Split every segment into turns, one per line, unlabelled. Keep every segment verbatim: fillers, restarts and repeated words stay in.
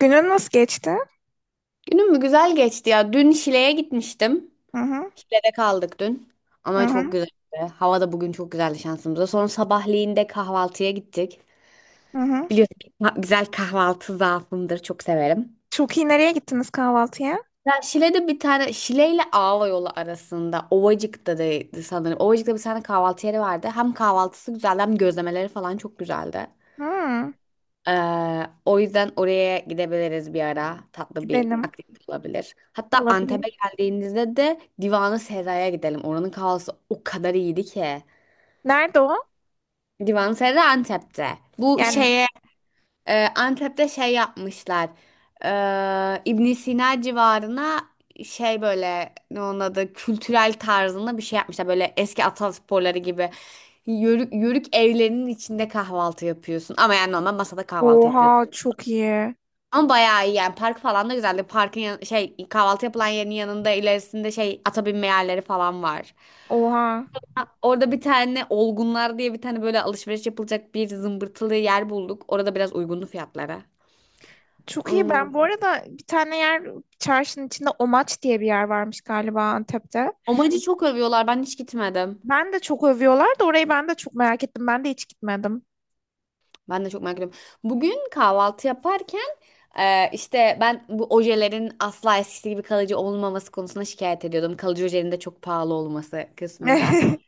Günün nasıl geçti?
Günüm mü güzel geçti ya. Dün Şile'ye gitmiştim.
Hı hı,
Şile'de kaldık dün.
hı
Ama çok
hı,
güzeldi. Hava da bugün çok güzeldi şansımıza. Sonra sabahleyin de kahvaltıya gittik.
hı hı.
Biliyorsun ki ka- güzel kahvaltı zaafımdır. Çok severim.
Çok iyi nereye gittiniz kahvaltıya?
Ya Şile'de bir tane Şile ile Ağva yolu arasında Ovacık'ta da sanırım. Ovacık'ta bir tane kahvaltı yeri vardı. Hem kahvaltısı güzeldi hem gözlemeleri falan çok güzeldi.
Hmm,
Ee, o yüzden oraya gidebiliriz bir ara. Tatlı bir
gidelim.
aktivite olabilir. Hatta Antep'e
Olabilir.
geldiğinizde de Divan-ı Serra'ya gidelim. Oranın kahvesi o kadar iyiydi ki.
Nerede o?
Divan-ı Serra Antep'te. Bu
Yani
şeye e, Antep'te şey yapmışlar. Ee, ibn Sina civarına şey böyle ne onun adı kültürel tarzında bir şey yapmışlar. Böyle eski atasporları gibi. Yörük, yörük evlerinin içinde kahvaltı yapıyorsun. Ama yani normal masada kahvaltı yapıyorsun.
oha çok iyi.
Ama bayağı iyi yani. Park falan da güzeldi. Parkın yan- şey kahvaltı yapılan yerin yanında ilerisinde şey ata binme yerleri falan var.
Oha.
Ha, orada bir tane Olgunlar diye bir tane böyle alışveriş yapılacak bir zımbırtılı yer bulduk. Orada biraz uygunlu fiyatlara.
Çok iyi.
Onu.
Ben bu arada bir tane yer çarşının içinde Omaç diye bir yer varmış galiba Antep'te.
Omacı çok övüyorlar. Ben hiç gitmedim.
Ben de çok övüyorlar da orayı ben de çok merak ettim. Ben de hiç gitmedim.
Ben de çok merak ediyorum. Bugün kahvaltı yaparken e, işte ben bu ojelerin asla eskisi gibi kalıcı olmaması konusunda şikayet ediyordum. Kalıcı ojelerin de çok pahalı olması kısmında.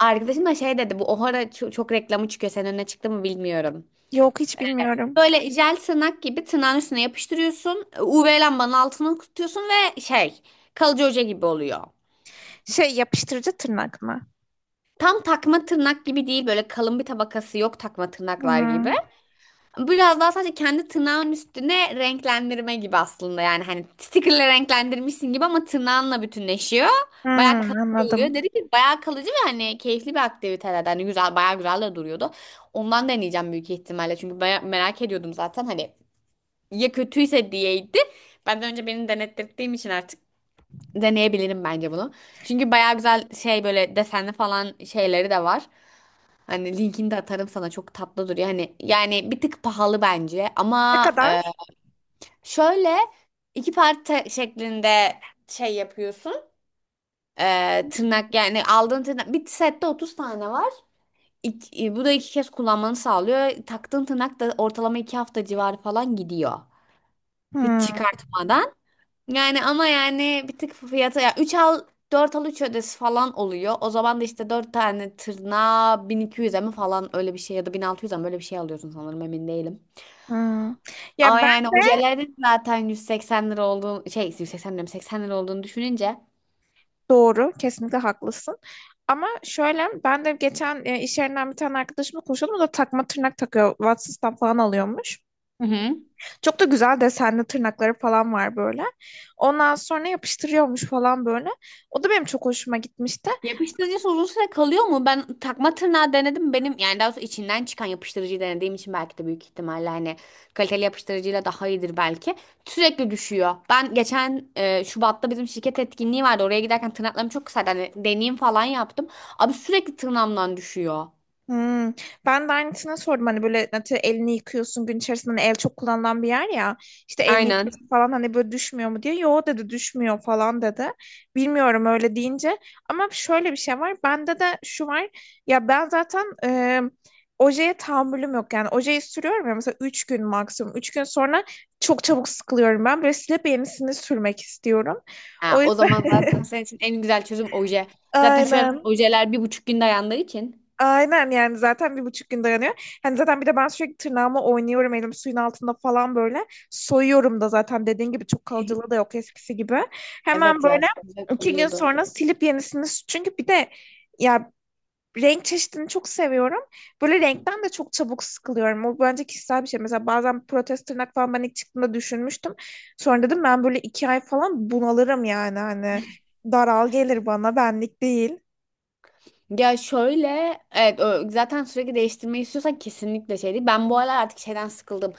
Arkadaşım da şey dedi bu Ohara ço- çok reklamı çıkıyor senin önüne çıktı mı bilmiyorum.
Yok hiç bilmiyorum.
Böyle jel tırnak gibi tırnağın üstüne yapıştırıyorsun. U V lambanın altına tutuyorsun ve şey kalıcı hoca gibi oluyor.
Şey yapıştırıcı tırnak mı?
Tam takma tırnak gibi değil, böyle kalın bir tabakası yok takma tırnaklar gibi.
Hmm,
Biraz daha sadece kendi tırnağın üstüne renklendirme gibi aslında. Yani hani stickerle renklendirmişsin gibi ama tırnağınla bütünleşiyor. Bayağı
hmm,
kalıcı oluyor.
anladım.
Dedi ki bayağı kalıcı ve hani keyifli bir aktivitelerden. Hani güzel, bayağı güzel de duruyordu. Ondan deneyeceğim büyük ihtimalle. Çünkü baya- merak ediyordum zaten. Hani ya kötüyse diyeydi. Ben de önce beni denettirdiğim için artık deneyebilirim bence bunu. Çünkü bayağı güzel şey böyle desenli falan şeyleri de var. Hani linkini de atarım sana, çok tatlı duruyor. Hani yani bir tık pahalı bence
Ne
ama e,
kadar?
şöyle iki parça şeklinde şey yapıyorsun. E, tırnak yani aldığın tırnak bir sette otuz tane var. İki- bu da iki kez kullanmanı sağlıyor. Taktığın tırnak da ortalama iki hafta civarı falan gidiyor. Hiç
Hmm.
çıkartmadan. Yani ama yani bir tık fiyatı, ya üç al dört al üç ödesi falan oluyor. O zaman da işte dört tane tırnağa bin iki yüze mi falan öyle bir şey ya da bin altı yüze mi öyle bir şey alıyorsun sanırım, emin değilim.
Hmm. Ya
Ama
ben
yani
de
ojelerin zaten yüz seksen lira olduğunu, şey yüz seksen lira mı, seksen lira olduğunu düşününce.
doğru, kesinlikle haklısın. Ama şöyle ben de geçen e, iş yerinden bir tane arkadaşımla konuşuyordum. O da takma tırnak takıyor. Watsons'tan falan alıyormuş.
Hı hı.
Çok da güzel desenli tırnakları falan var böyle. Ondan sonra yapıştırıyormuş falan böyle. O da benim çok hoşuma gitmişti.
Yapıştırıcı uzun süre kalıyor mu? Ben takma tırnağı denedim. Benim yani daha doğrusu içinden çıkan yapıştırıcıyı denediğim için belki de, büyük ihtimalle hani kaliteli yapıştırıcıyla daha iyidir belki. Sürekli düşüyor. Ben geçen e, Şubat'ta bizim şirket etkinliği vardı. Oraya giderken tırnaklarım çok kısaydı. Hani deneyim falan yaptım. Abi sürekli tırnağımdan düşüyor.
Hmm. Ben de aynısına sordum hani böyle atıyorum elini yıkıyorsun gün içerisinde hani el çok kullanılan bir yer ya işte elini
Aynen.
yıkıyorsun falan hani böyle düşmüyor mu diye yo dedi düşmüyor falan dedi bilmiyorum öyle deyince ama şöyle bir şey var bende de şu var ya ben zaten e, ojeye tahammülüm yok yani ojeyi sürüyorum ya mesela üç gün maksimum. Üç gün sonra çok çabuk sıkılıyorum ben böyle silip yenisini sürmek istiyorum.
Ha,
O
o
yüzden.
zaman zaten senin için en güzel çözüm oje. Zaten şu an
Aynen.
ojeler bir buçuk gün dayandığı için.
Aynen yani zaten bir buçuk gün dayanıyor. Hani zaten bir de ben sürekli tırnağımı oynuyorum elim suyun altında falan böyle. Soyuyorum da zaten dediğin gibi çok kalıcılığı da yok eskisi gibi. Hemen
Evet ya,
böyle
çok güzel
iki gün
oluyordu.
sonra silip yenisini çünkü bir de ya renk çeşidini çok seviyorum. Böyle renkten de çok çabuk sıkılıyorum. O bence kişisel bir şey. Mesela bazen protez tırnak falan ben ilk çıktığımda düşünmüştüm. Sonra dedim ben böyle iki ay falan bunalırım yani. Hani daral gelir bana benlik değil.
Ya şöyle, evet, ö- zaten sürekli değiştirmeyi istiyorsan kesinlikle şey değil. Ben bu aralar artık şeyden sıkıldım.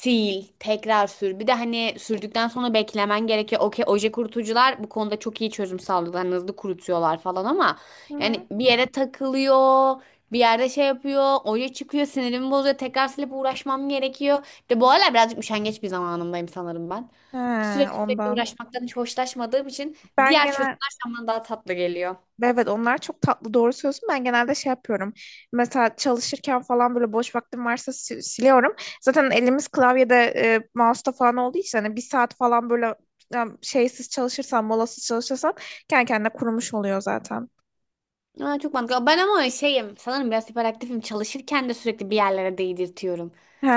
Sil, tekrar sür. Bir de hani sürdükten sonra beklemen gerekiyor. Okey, oje kurutucular bu konuda çok iyi çözüm sağlıyorlar. Hani hızlı kurutuyorlar falan ama
Hı hı.
yani bir yere takılıyor. Bir yerde şey yapıyor. Oje çıkıyor. Sinirimi bozuyor. Tekrar silip uğraşmam gerekiyor. Bir de bu aralar birazcık üşengeç bir zamanımdayım sanırım ben.
He,
Sürekli sürekli
ondan.
uğraşmaktan hiç hoşlaşmadığım için
Ben
diğer
genel.
çözümler şu an bana daha tatlı geliyor.
Evet, onlar çok tatlı, doğru söylüyorsun. Ben genelde şey yapıyorum. Mesela çalışırken falan böyle boş vaktim varsa si- siliyorum. Zaten elimiz klavyede e, mouse'da falan olduğu için hani bir saat falan böyle yani şeysiz çalışırsan, molasız çalışırsan kendi kendine kurumuş oluyor zaten.
Aa, çok mantıklı. Ben ama şeyim sanırım, biraz hiperaktifim. Çalışırken de sürekli bir yerlere değdirtiyorum.
He,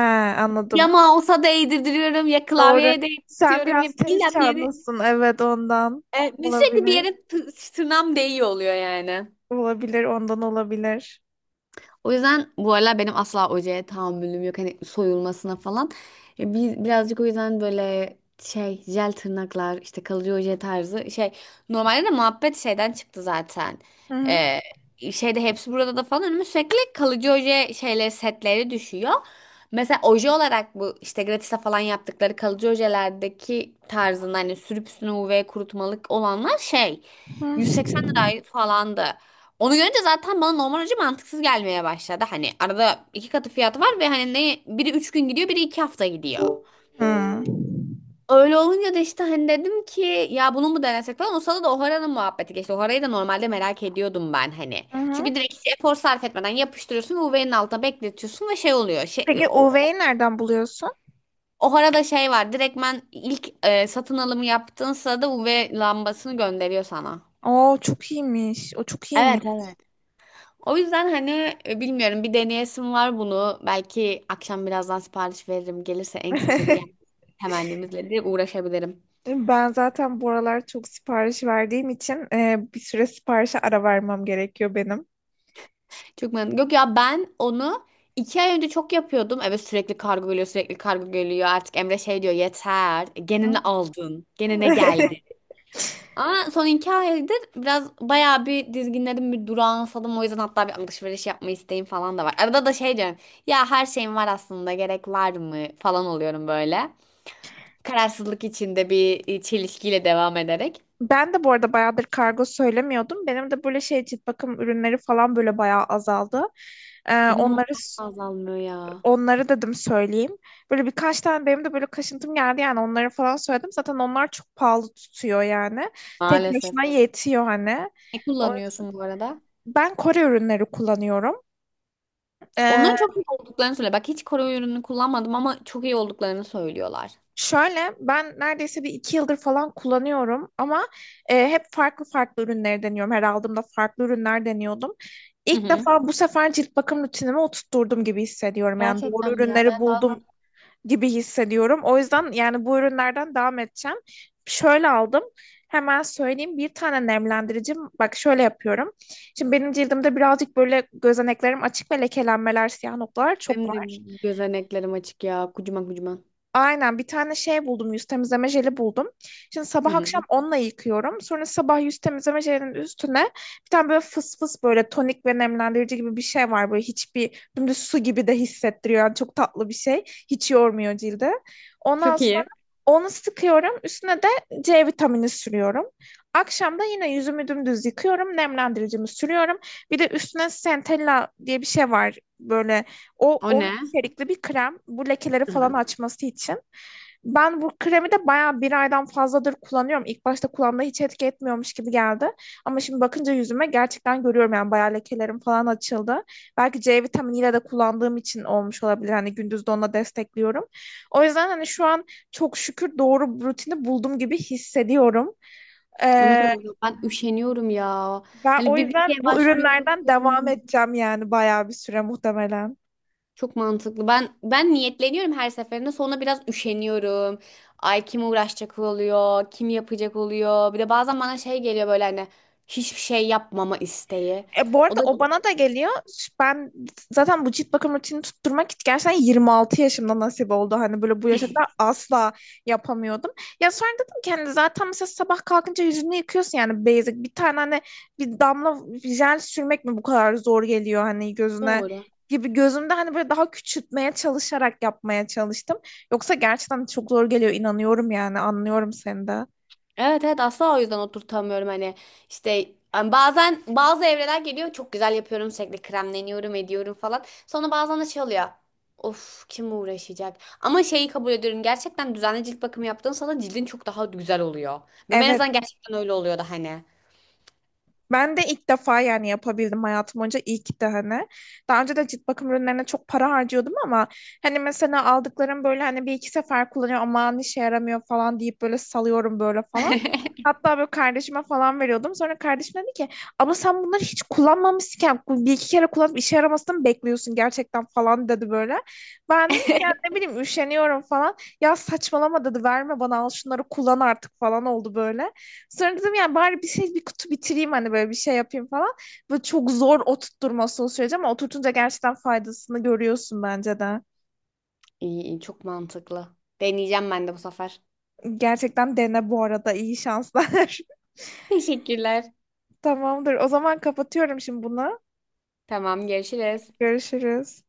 Ya
anladım.
mouse'a değdirtiyorum ya
Doğru.
klavyeye
Sen
değdirtiyorum, ya
biraz tez
illa bir yere.
çağındasın. Evet ondan
E, sürekli bir yere
olabilir.
tı- tırnağım değiyor oluyor yani.
Olabilir, ondan olabilir.
O yüzden bu aralar benim asla ojeye tahammülüm yok. Hani soyulmasına falan. E, Biz birazcık o yüzden böyle şey jel tırnaklar işte kalıcı oje tarzı şey. Normalde de muhabbet şeyden çıktı zaten.
Hı hı.
Ee, şeyde hepsi burada da falan önüme sürekli kalıcı oje şeyleri, setleri düşüyor. Mesela oje olarak bu işte gratis'te falan yaptıkları kalıcı ojelerdeki tarzında, hani sürüp üstüne U V kurutmalık olanlar şey
Hı.
yüz seksen lira falandı. Onu görünce zaten bana normal hoca mantıksız gelmeye başladı. Hani arada iki katı fiyatı var ve hani ne biri üç gün gidiyor biri iki hafta gidiyor.
Hı.
Öyle olunca da işte hani dedim ki ya bunu mu denesek falan. O sırada da Ohara'nın muhabbeti geçti. Ohara'yı da normalde merak ediyordum ben hani.
Hı hı.
Çünkü direkt hiç efor sarf etmeden yapıştırıyorsun ve U V'nin altına bekletiyorsun ve şey oluyor. Şey,
Peki
o,
U V'yi nereden buluyorsun?
Ohara'da şey var, direktmen ilk e, satın alımı yaptığın sırada U V lambasını gönderiyor sana.
Oo çok iyiymiş. O çok iyiymiş.
Evet, evet. O yüzden hani e, bilmiyorum, bir deneyesim var bunu. Belki akşam birazdan sipariş veririm. Gelirse en kısa sürede gel temennemizle de uğraşabilirim.
Ben zaten bu aralar çok sipariş verdiğim için e, bir süre siparişe ara vermem gerekiyor benim.
Çok memnun. Yok ya, ben onu iki ay önce çok yapıyordum. Evet sürekli kargo geliyor, sürekli kargo geliyor. Artık Emre şey diyor, yeter. E, Gene ne aldın? Gene ne geldi? Ama son iki aydır biraz bayağı bir dizginlerim, bir duransadım. O yüzden hatta bir alışveriş yapma isteğim falan da var. Arada da şey diyorum. Ya her şeyim var aslında, gerek var mı falan oluyorum böyle. Kararsızlık içinde bir e, çelişkiyle devam ederek.
Ben de bu arada bayağıdır kargo söylemiyordum. Benim de böyle şey cilt bakım ürünleri falan böyle bayağı azaldı. Ee,
Benim onlar
onları
azalmıyor ya.
onları dedim söyleyeyim. Böyle birkaç tane benim de böyle kaşıntım geldi yani onları falan söyledim. Zaten onlar çok pahalı tutuyor yani. Tek
Maalesef.
başına yetiyor hani.
Ne
O-
kullanıyorsun bu arada?
Ben Kore ürünleri kullanıyorum. Ee,
Onların çok iyi olduklarını söyle. Bak, hiç koruma ürünü kullanmadım ama çok iyi olduklarını söylüyorlar.
şöyle ben neredeyse bir iki yıldır falan kullanıyorum ama e, hep farklı farklı ürünleri deniyorum. Her aldığımda farklı ürünler deniyordum.
Hı
İlk
hı.
defa bu sefer cilt bakım rutinime oturtturdum gibi hissediyorum. Yani doğru
Gerçekten mi ya?
ürünleri
Ben bazen
buldum gibi hissediyorum. O yüzden yani bu ürünlerden devam edeceğim. Şöyle aldım. Hemen söyleyeyim bir tane nemlendiricim. Bak şöyle yapıyorum. Şimdi benim cildimde birazcık böyle gözeneklerim açık ve lekelenmeler, siyah noktalar çok
benim
var.
de gözeneklerim açık ya. Kucuma kucuma.
Aynen, bir tane şey buldum, yüz temizleme jeli buldum. Şimdi
Hı
sabah akşam
hı.
onunla yıkıyorum. Sonra sabah yüz temizleme jelinin üstüne bir tane böyle fıs fıs böyle tonik ve nemlendirici gibi bir şey var. Böyle hiçbir dümdüz su gibi de hissettiriyor. Yani çok tatlı bir şey. Hiç yormuyor cildi. Ondan
Çok
sonra
iyi.
onu sıkıyorum. Üstüne de C vitamini sürüyorum. Akşam da yine yüzümü dümdüz yıkıyorum. Nemlendiricimi sürüyorum. Bir de üstüne Centella diye bir şey var. Böyle o,
O
onu
ne?
içerikli bir krem. Bu lekeleri
Hı
falan
hı.
açması için. Ben bu kremi de bayağı bir aydan fazladır kullanıyorum. İlk başta kulağımda hiç etki etmiyormuş gibi geldi. Ama şimdi bakınca yüzüme gerçekten görüyorum yani bayağı lekelerim falan açıldı. Belki C vitaminiyle de kullandığım için olmuş olabilir. Hani gündüz de onunla destekliyorum. O yüzden hani şu an çok şükür doğru rutini buldum gibi hissediyorum.
O ne
Ee,
kadar güzel. Ben üşeniyorum ya.
ben
Hani
o
bir bir şeye
yüzden bu
başlıyorum.
ürünlerden devam edeceğim yani bayağı bir süre muhtemelen.
Çok mantıklı. Ben ben niyetleniyorum her seferinde. Sonra biraz üşeniyorum. Ay, kim uğraşacak oluyor? Kim yapacak oluyor? Bir de bazen bana şey geliyor, böyle hani hiçbir şey yapmama isteği.
E, bu
O
arada
da
o bana da geliyor. Ben zaten bu cilt bakım rutinini tutturmak gerçekten yirmi altı yaşımda nasip oldu. Hani böyle bu yaşa kadar asla yapamıyordum. Ya sonra dedim ki hani zaten mesela sabah kalkınca yüzünü yıkıyorsun yani basic. Bir tane hani bir damla jel sürmek mi bu kadar zor geliyor hani gözüne
doğru.
gibi gözümde hani böyle daha küçültmeye çalışarak yapmaya çalıştım. Yoksa gerçekten çok zor geliyor, inanıyorum yani, anlıyorum seni de.
Evet, evet, asla. O yüzden oturtamıyorum hani. İşte hani bazen bazı evreler geliyor, çok güzel yapıyorum, sürekli kremleniyorum ediyorum falan. Sonra bazen de şey oluyor, of kim uğraşacak. Ama şeyi kabul ediyorum, gerçekten düzenli cilt bakımı yaptığın sana cildin çok daha güzel oluyor ve ben en
Evet.
azından gerçekten öyle oluyordu hani.
Ben de ilk defa yani yapabildim hayatım boyunca ilk de hani. Daha önce de cilt bakım ürünlerine çok para harcıyordum ama hani mesela aldıklarım böyle hani bir iki sefer kullanıyor aman işe yaramıyor falan deyip böyle salıyorum böyle falan. Hatta böyle kardeşime falan veriyordum. Sonra kardeşim dedi ki ama sen bunları hiç kullanmamışken bir iki kere kullanıp işe yaramasını mı bekliyorsun gerçekten falan dedi böyle. Ben de ya ne bileyim üşeniyorum falan. Ya saçmalama dedi, verme bana, al şunları kullan artık falan oldu böyle. Sonra dedim yani bari bir şey bir kutu bitireyim hani böyle bir şey yapayım falan. Böyle çok zor oturtturması o süreci ama oturtunca gerçekten faydasını görüyorsun bence de.
iyi iyi, çok mantıklı, deneyeceğim ben de bu sefer.
Gerçekten dene bu arada, iyi şanslar.
Teşekkürler.
Tamamdır. O zaman kapatıyorum şimdi bunu.
Tamam, görüşürüz.
Görüşürüz.